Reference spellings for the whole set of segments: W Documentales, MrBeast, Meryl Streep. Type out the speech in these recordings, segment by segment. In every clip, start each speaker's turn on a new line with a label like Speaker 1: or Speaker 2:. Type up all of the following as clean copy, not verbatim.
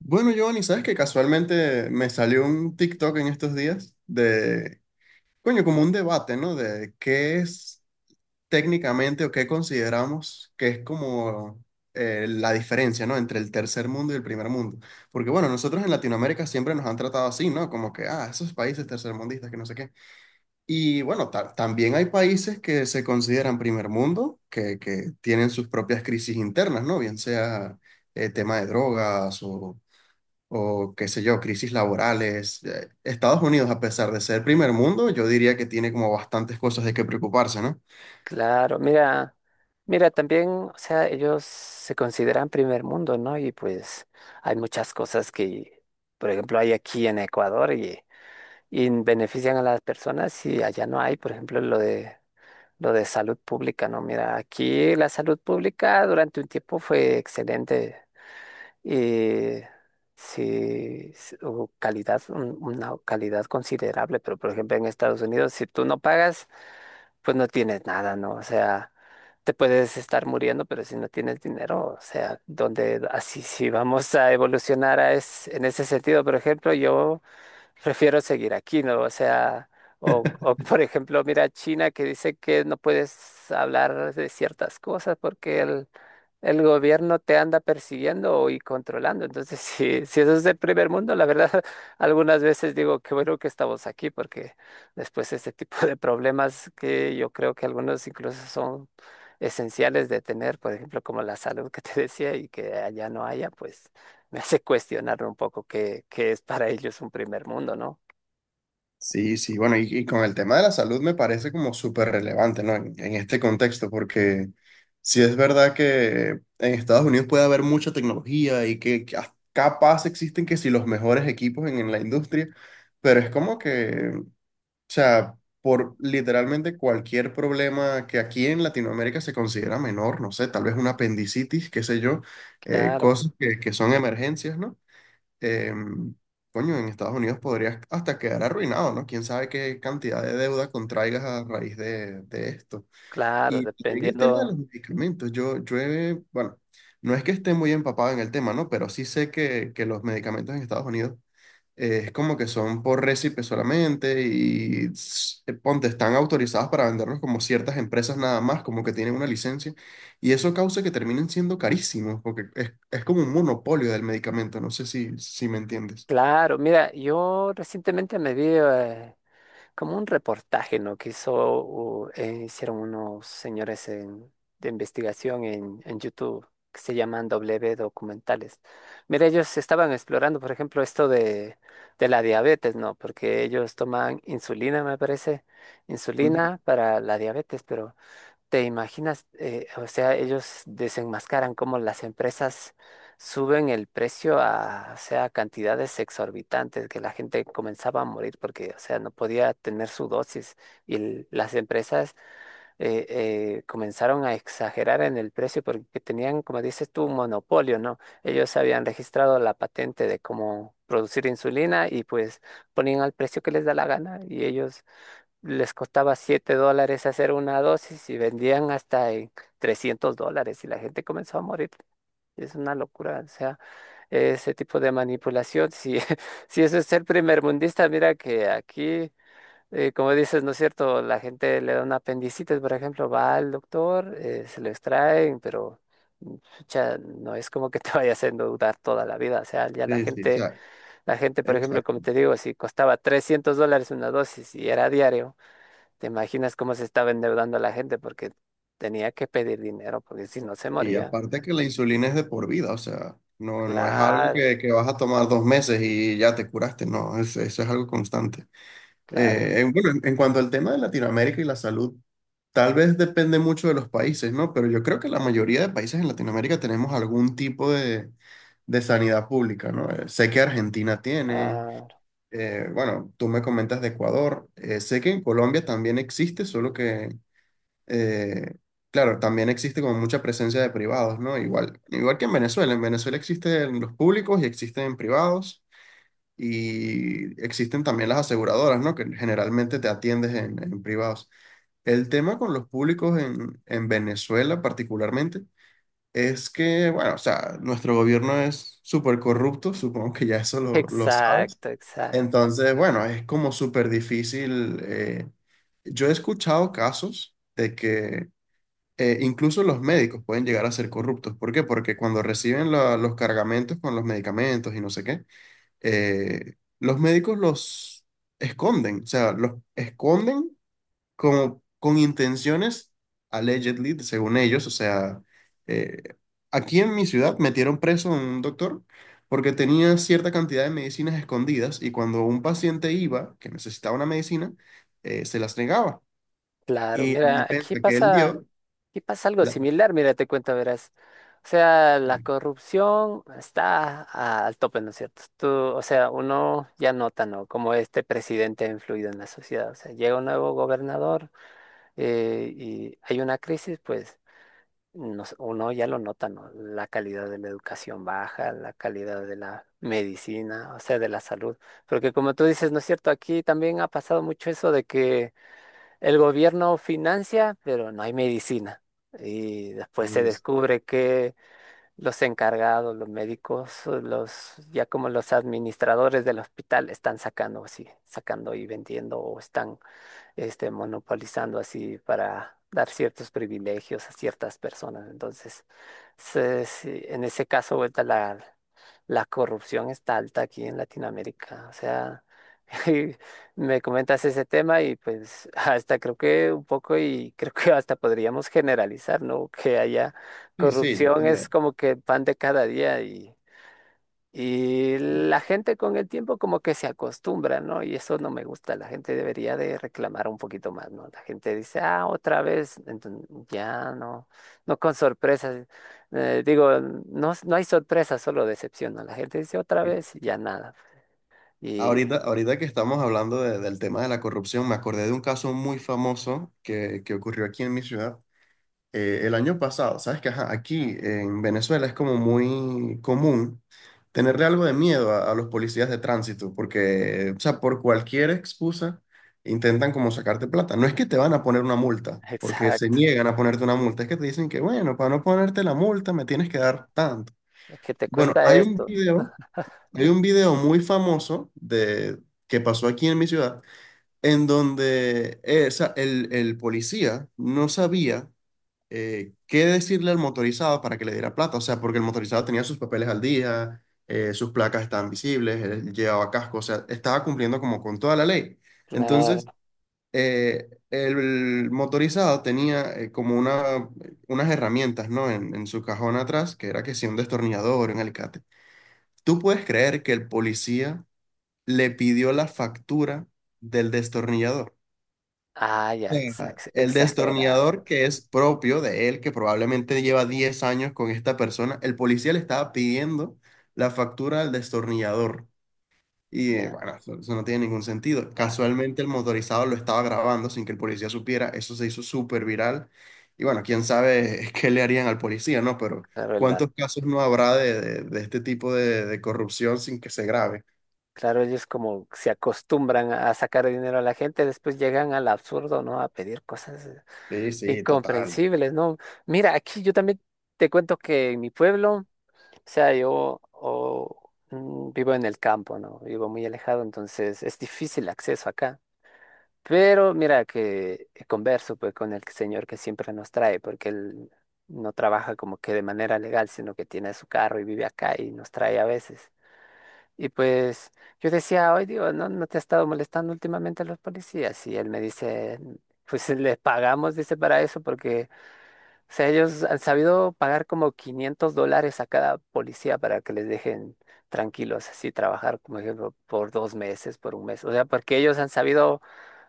Speaker 1: Bueno, Giovanni, ¿sabes que casualmente me salió un TikTok en estos días de, coño, como un debate? ¿No? De qué es técnicamente o qué consideramos que es como la diferencia, ¿no? Entre el tercer mundo y el primer mundo. Porque, bueno, nosotros en Latinoamérica siempre nos han tratado así, ¿no? Como que, ah, esos países tercermundistas, que no sé qué. Y bueno, también hay países que se consideran primer mundo, que tienen sus propias crisis internas, ¿no? Bien sea tema de drogas o qué sé yo, crisis laborales. Estados Unidos, a pesar de ser primer mundo, yo diría que tiene como bastantes cosas de qué preocuparse, ¿no?
Speaker 2: Claro, mira, mira, también, o sea, ellos se consideran primer mundo, ¿no? Y pues hay muchas cosas que, por ejemplo, hay aquí en Ecuador y benefician a las personas y allá no hay, por ejemplo, lo de salud pública, ¿no? Mira, aquí la salud pública durante un tiempo fue excelente y sí, hubo calidad, una calidad considerable, pero por ejemplo en Estados Unidos, si tú no pagas pues no tienes nada, ¿no? O sea, te puedes estar muriendo, pero si no tienes dinero, o sea, donde así si vamos a evolucionar a es, en ese sentido, por ejemplo, yo prefiero seguir aquí, ¿no? O sea, o, o por ejemplo, mira China que dice que no puedes hablar de ciertas cosas porque el gobierno te anda persiguiendo y controlando. Entonces, si, si eso es del primer mundo, la verdad, algunas veces digo, qué bueno que estamos aquí, porque después este tipo de problemas que yo creo que algunos incluso son esenciales de tener, por ejemplo, como la salud que te decía y que allá no haya, pues me hace cuestionar un poco qué es para ellos un primer mundo, ¿no?
Speaker 1: Sí, sí, bueno, y con el tema de la salud me parece como súper relevante, ¿no? En este contexto, porque sí es verdad que en Estados Unidos puede haber mucha tecnología y que hasta capaz existen que si los mejores equipos en la industria, pero es como que, o sea, por literalmente cualquier problema que aquí en Latinoamérica se considera menor, no sé, tal vez una apendicitis, qué sé yo,
Speaker 2: Claro,
Speaker 1: cosas que son emergencias, ¿no? Em, coño, en Estados Unidos podrías hasta quedar arruinado, ¿no? Quién sabe qué cantidad de deuda contraigas a raíz de esto.
Speaker 2: claro,
Speaker 1: Y también el tema de
Speaker 2: dependiendo.
Speaker 1: los medicamentos, bueno, no es que esté muy empapado en el tema, ¿no? Pero sí sé que los medicamentos en Estados Unidos es como que son por récipe solamente y ponte, están autorizados para venderlos como ciertas empresas nada más, como que tienen una licencia. Y eso causa que terminen siendo carísimos, porque es como un monopolio del medicamento, no sé si me entiendes.
Speaker 2: Claro, mira, yo recientemente me vi, como un reportaje, ¿no? Que hizo, hicieron unos señores de investigación en YouTube que se llaman W Documentales. Mira, ellos estaban explorando, por ejemplo, esto de la diabetes, ¿no? Porque ellos toman insulina, me parece,
Speaker 1: Ujú.
Speaker 2: insulina para la diabetes, pero ¿te imaginas? O sea, ellos desenmascaran cómo las empresas suben el precio a, o sea, cantidades exorbitantes, que la gente comenzaba a morir porque, o sea, no podía tener su dosis y las empresas eh, comenzaron a exagerar en el precio porque tenían, como dices tú, un monopolio, ¿no? Ellos habían registrado la patente de cómo producir insulina y pues ponían al precio que les da la gana y ellos les costaba $7 hacer una dosis y vendían hasta en $300 y la gente comenzó a morir. Es una locura, o sea, ese tipo de manipulación, si, si eso es ser primermundista, mira que aquí, como dices, ¿no es cierto? La gente le da una apendicitis, por ejemplo, va al doctor, se lo extraen, pero pucha, no es como que te vaya haciendo dudar toda la vida, o sea, ya
Speaker 1: Sí, sí, o sea,
Speaker 2: la gente, por ejemplo, como
Speaker 1: exacto.
Speaker 2: te digo, si costaba $300 una dosis y era diario, ¿te imaginas cómo se estaba endeudando la gente? Porque tenía que pedir dinero, porque si no se
Speaker 1: Y
Speaker 2: moría.
Speaker 1: aparte que la insulina es de por vida, o sea, no, no es algo
Speaker 2: Claro,
Speaker 1: que vas a tomar dos meses y ya te curaste, no, eso es algo constante.
Speaker 2: claro.
Speaker 1: Bueno, en cuanto al tema de Latinoamérica y la salud, tal vez depende mucho de los países, ¿no? Pero yo creo que la mayoría de países en Latinoamérica tenemos algún tipo de sanidad pública, ¿no? Sé que Argentina tiene,
Speaker 2: Ah,
Speaker 1: bueno, tú me comentas de Ecuador, sé que en Colombia también existe, solo que, eh, claro, también existe como mucha presencia de privados, ¿no? Igual, igual que en Venezuela existen los públicos y existen privados y existen también las aseguradoras, ¿no? Que generalmente te atiendes en privados. El tema con los públicos en Venezuela particularmente es que, bueno, o sea, nuestro gobierno es súper corrupto, supongo que ya eso lo sabes.
Speaker 2: exacto, exacto.
Speaker 1: Entonces, bueno, es como súper difícil. Yo he escuchado casos de que incluso los médicos pueden llegar a ser corruptos. ¿Por qué? Porque cuando reciben los cargamentos con los medicamentos y no sé qué, los médicos los esconden, o sea, los esconden como con intenciones, allegedly, según ellos, eh, aquí en mi ciudad metieron preso a un doctor porque tenía cierta cantidad de medicinas escondidas y cuando un paciente iba, que necesitaba una medicina, se las negaba.
Speaker 2: Claro.
Speaker 1: Y la
Speaker 2: Mira,
Speaker 1: defensa que él dio,
Speaker 2: aquí pasa algo
Speaker 1: la-
Speaker 2: similar. Mira, te cuento, verás. O sea, la corrupción está al tope, ¿no es cierto? Tú, o sea, uno ya nota, ¿no? Cómo este presidente ha influido en la sociedad. O sea, llega un nuevo gobernador y hay una crisis, pues. Nos- uno ya lo nota, ¿no? La calidad de la educación baja, la calidad de la medicina, o sea, de la salud. Porque como tú dices, ¿no es cierto? Aquí también ha pasado mucho eso de que el gobierno financia, pero no hay medicina. Y después se
Speaker 1: sí,
Speaker 2: descubre que los encargados, los médicos, los, ya como los administradores del hospital están sacando, sí, sacando y vendiendo o están este, monopolizando así para dar ciertos privilegios a ciertas personas. Entonces, sí, en ese caso, vuelta la corrupción está alta aquí en Latinoamérica. O sea, me comentas ese tema y pues hasta creo que un poco y creo que hasta podríamos generalizar, ¿no? Que haya
Speaker 1: sí, sí, yo
Speaker 2: corrupción es
Speaker 1: también.
Speaker 2: como que el pan de cada día y la
Speaker 1: Sí.
Speaker 2: gente con el tiempo como que se acostumbra, ¿no? Y eso no me gusta. La gente debería de reclamar un poquito más, ¿no? La gente dice, ah, otra vez, entonces ya no, no con sorpresas. Digo, no, no hay sorpresa, solo decepción, ¿no? La gente dice otra vez y ya nada. Y
Speaker 1: Ahorita que estamos hablando del tema de la corrupción, me acordé de un caso muy famoso que ocurrió aquí en mi ciudad el año pasado. Sabes que ajá, aquí en Venezuela es como muy común tenerle algo de miedo a los policías de tránsito, porque, o sea, por cualquier excusa intentan como sacarte plata. No es que te van a poner una multa, porque se
Speaker 2: exacto,
Speaker 1: niegan a ponerte una multa, es que te dicen que, bueno, para no ponerte la multa me tienes que dar tanto.
Speaker 2: es que te
Speaker 1: Bueno,
Speaker 2: cuesta
Speaker 1: hay un
Speaker 2: esto.
Speaker 1: video. Hay un video muy famoso de, que pasó aquí en mi ciudad, en donde o sea, el policía no sabía qué decirle al motorizado para que le diera plata. O sea, porque el motorizado tenía sus papeles al día, sus placas estaban visibles, él llevaba casco, o sea, estaba cumpliendo como con toda la ley. Entonces,
Speaker 2: Claro.
Speaker 1: el motorizado tenía como unas herramientas, ¿no? En su cajón atrás, que era que si un destornillador, un alicate. ¿Tú puedes creer que el policía le pidió la factura del destornillador?
Speaker 2: Ah, ya,
Speaker 1: Ah, el
Speaker 2: exagera.
Speaker 1: destornillador que es propio de él, que probablemente lleva 10 años con esta persona, el policía le estaba pidiendo la factura del destornillador. Y
Speaker 2: Ya,
Speaker 1: bueno, eso no tiene ningún sentido. Casualmente el motorizado lo estaba grabando sin que el policía supiera, eso se hizo súper viral. Y bueno, quién sabe qué le harían al policía, ¿no? Pero
Speaker 2: ya.
Speaker 1: ¿cuántos casos no habrá de, de este tipo de corrupción sin que se grabe?
Speaker 2: Claro, ellos como se acostumbran a sacar dinero a la gente, después llegan al absurdo, ¿no? A pedir cosas
Speaker 1: Sí, sí, total.
Speaker 2: incomprensibles, ¿no? Mira, aquí yo también te cuento que en mi pueblo, o sea, yo vivo en el campo, ¿no? Vivo muy alejado, entonces es difícil acceso acá. Pero mira que converso pues con el señor que siempre nos trae, porque él no trabaja como que de manera legal, sino que tiene su carro y vive acá y nos trae a veces. Y pues yo decía, hoy digo, ¿no, no te ha estado molestando últimamente a los policías? Y él me dice, "Mm, pues les pagamos", dice, para eso, porque, o sea, ellos han sabido pagar como $500 a cada policía para que les dejen tranquilos, así trabajar, como ejemplo, por 2 meses, por un mes. O sea, porque ellos han sabido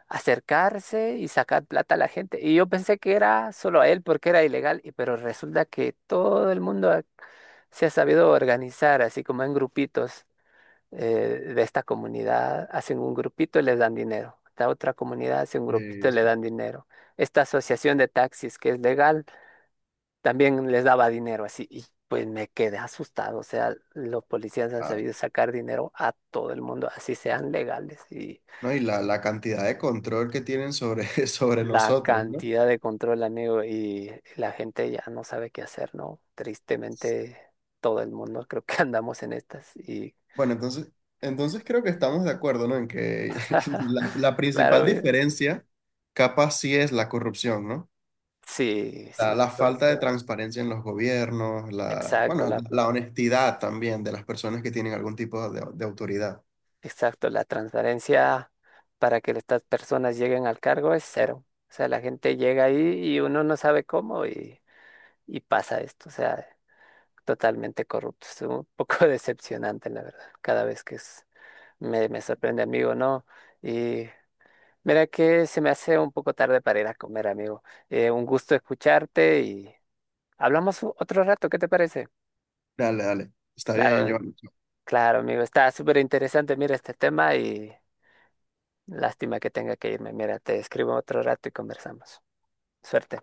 Speaker 2: acercarse y sacar plata a la gente. Y yo pensé que era solo a él porque era ilegal, y, pero resulta que todo el mundo se ha sabido organizar, así como en grupitos de esta comunidad hacen un grupito y les dan dinero. La otra comunidad hace un grupito
Speaker 1: Sí,
Speaker 2: y le
Speaker 1: sí,
Speaker 2: dan dinero. Esta asociación de taxis que es legal también les daba dinero así. Y pues me quedé asustado. O sea, los policías han sabido sacar dinero a todo el mundo, así sean legales. Y
Speaker 1: ¿no? Y la cantidad de control que tienen sobre, sobre
Speaker 2: la
Speaker 1: nosotros, ¿no?
Speaker 2: cantidad de control, amigo, y la gente ya no sabe qué hacer, ¿no? Tristemente, todo el mundo creo que andamos en estas. Y
Speaker 1: Bueno, entonces, entonces creo que estamos de acuerdo, ¿no? En que la
Speaker 2: claro,
Speaker 1: principal diferencia capaz sí es la corrupción, ¿no?
Speaker 2: sí,
Speaker 1: La,
Speaker 2: sí,
Speaker 1: la falta
Speaker 2: porque
Speaker 1: de transparencia en los gobiernos, la,
Speaker 2: exacto,
Speaker 1: bueno, la honestidad también de las personas que tienen algún tipo de autoridad.
Speaker 2: exacto, la transparencia para que estas personas lleguen al cargo es cero. O sea, la gente llega ahí y uno no sabe cómo y pasa esto. O sea, totalmente corrupto. Es un poco decepcionante, la verdad. Cada vez que me sorprende, amigo, ¿no? Y mira que se me hace un poco tarde para ir a comer, amigo. Un gusto escucharte y hablamos otro rato, ¿qué te parece?
Speaker 1: Dale, dale. Está bien,
Speaker 2: Claro,
Speaker 1: yo.
Speaker 2: claro, amigo. Está súper interesante, mira, este tema y lástima que tenga que irme. Mira, te escribo otro rato y conversamos. Suerte.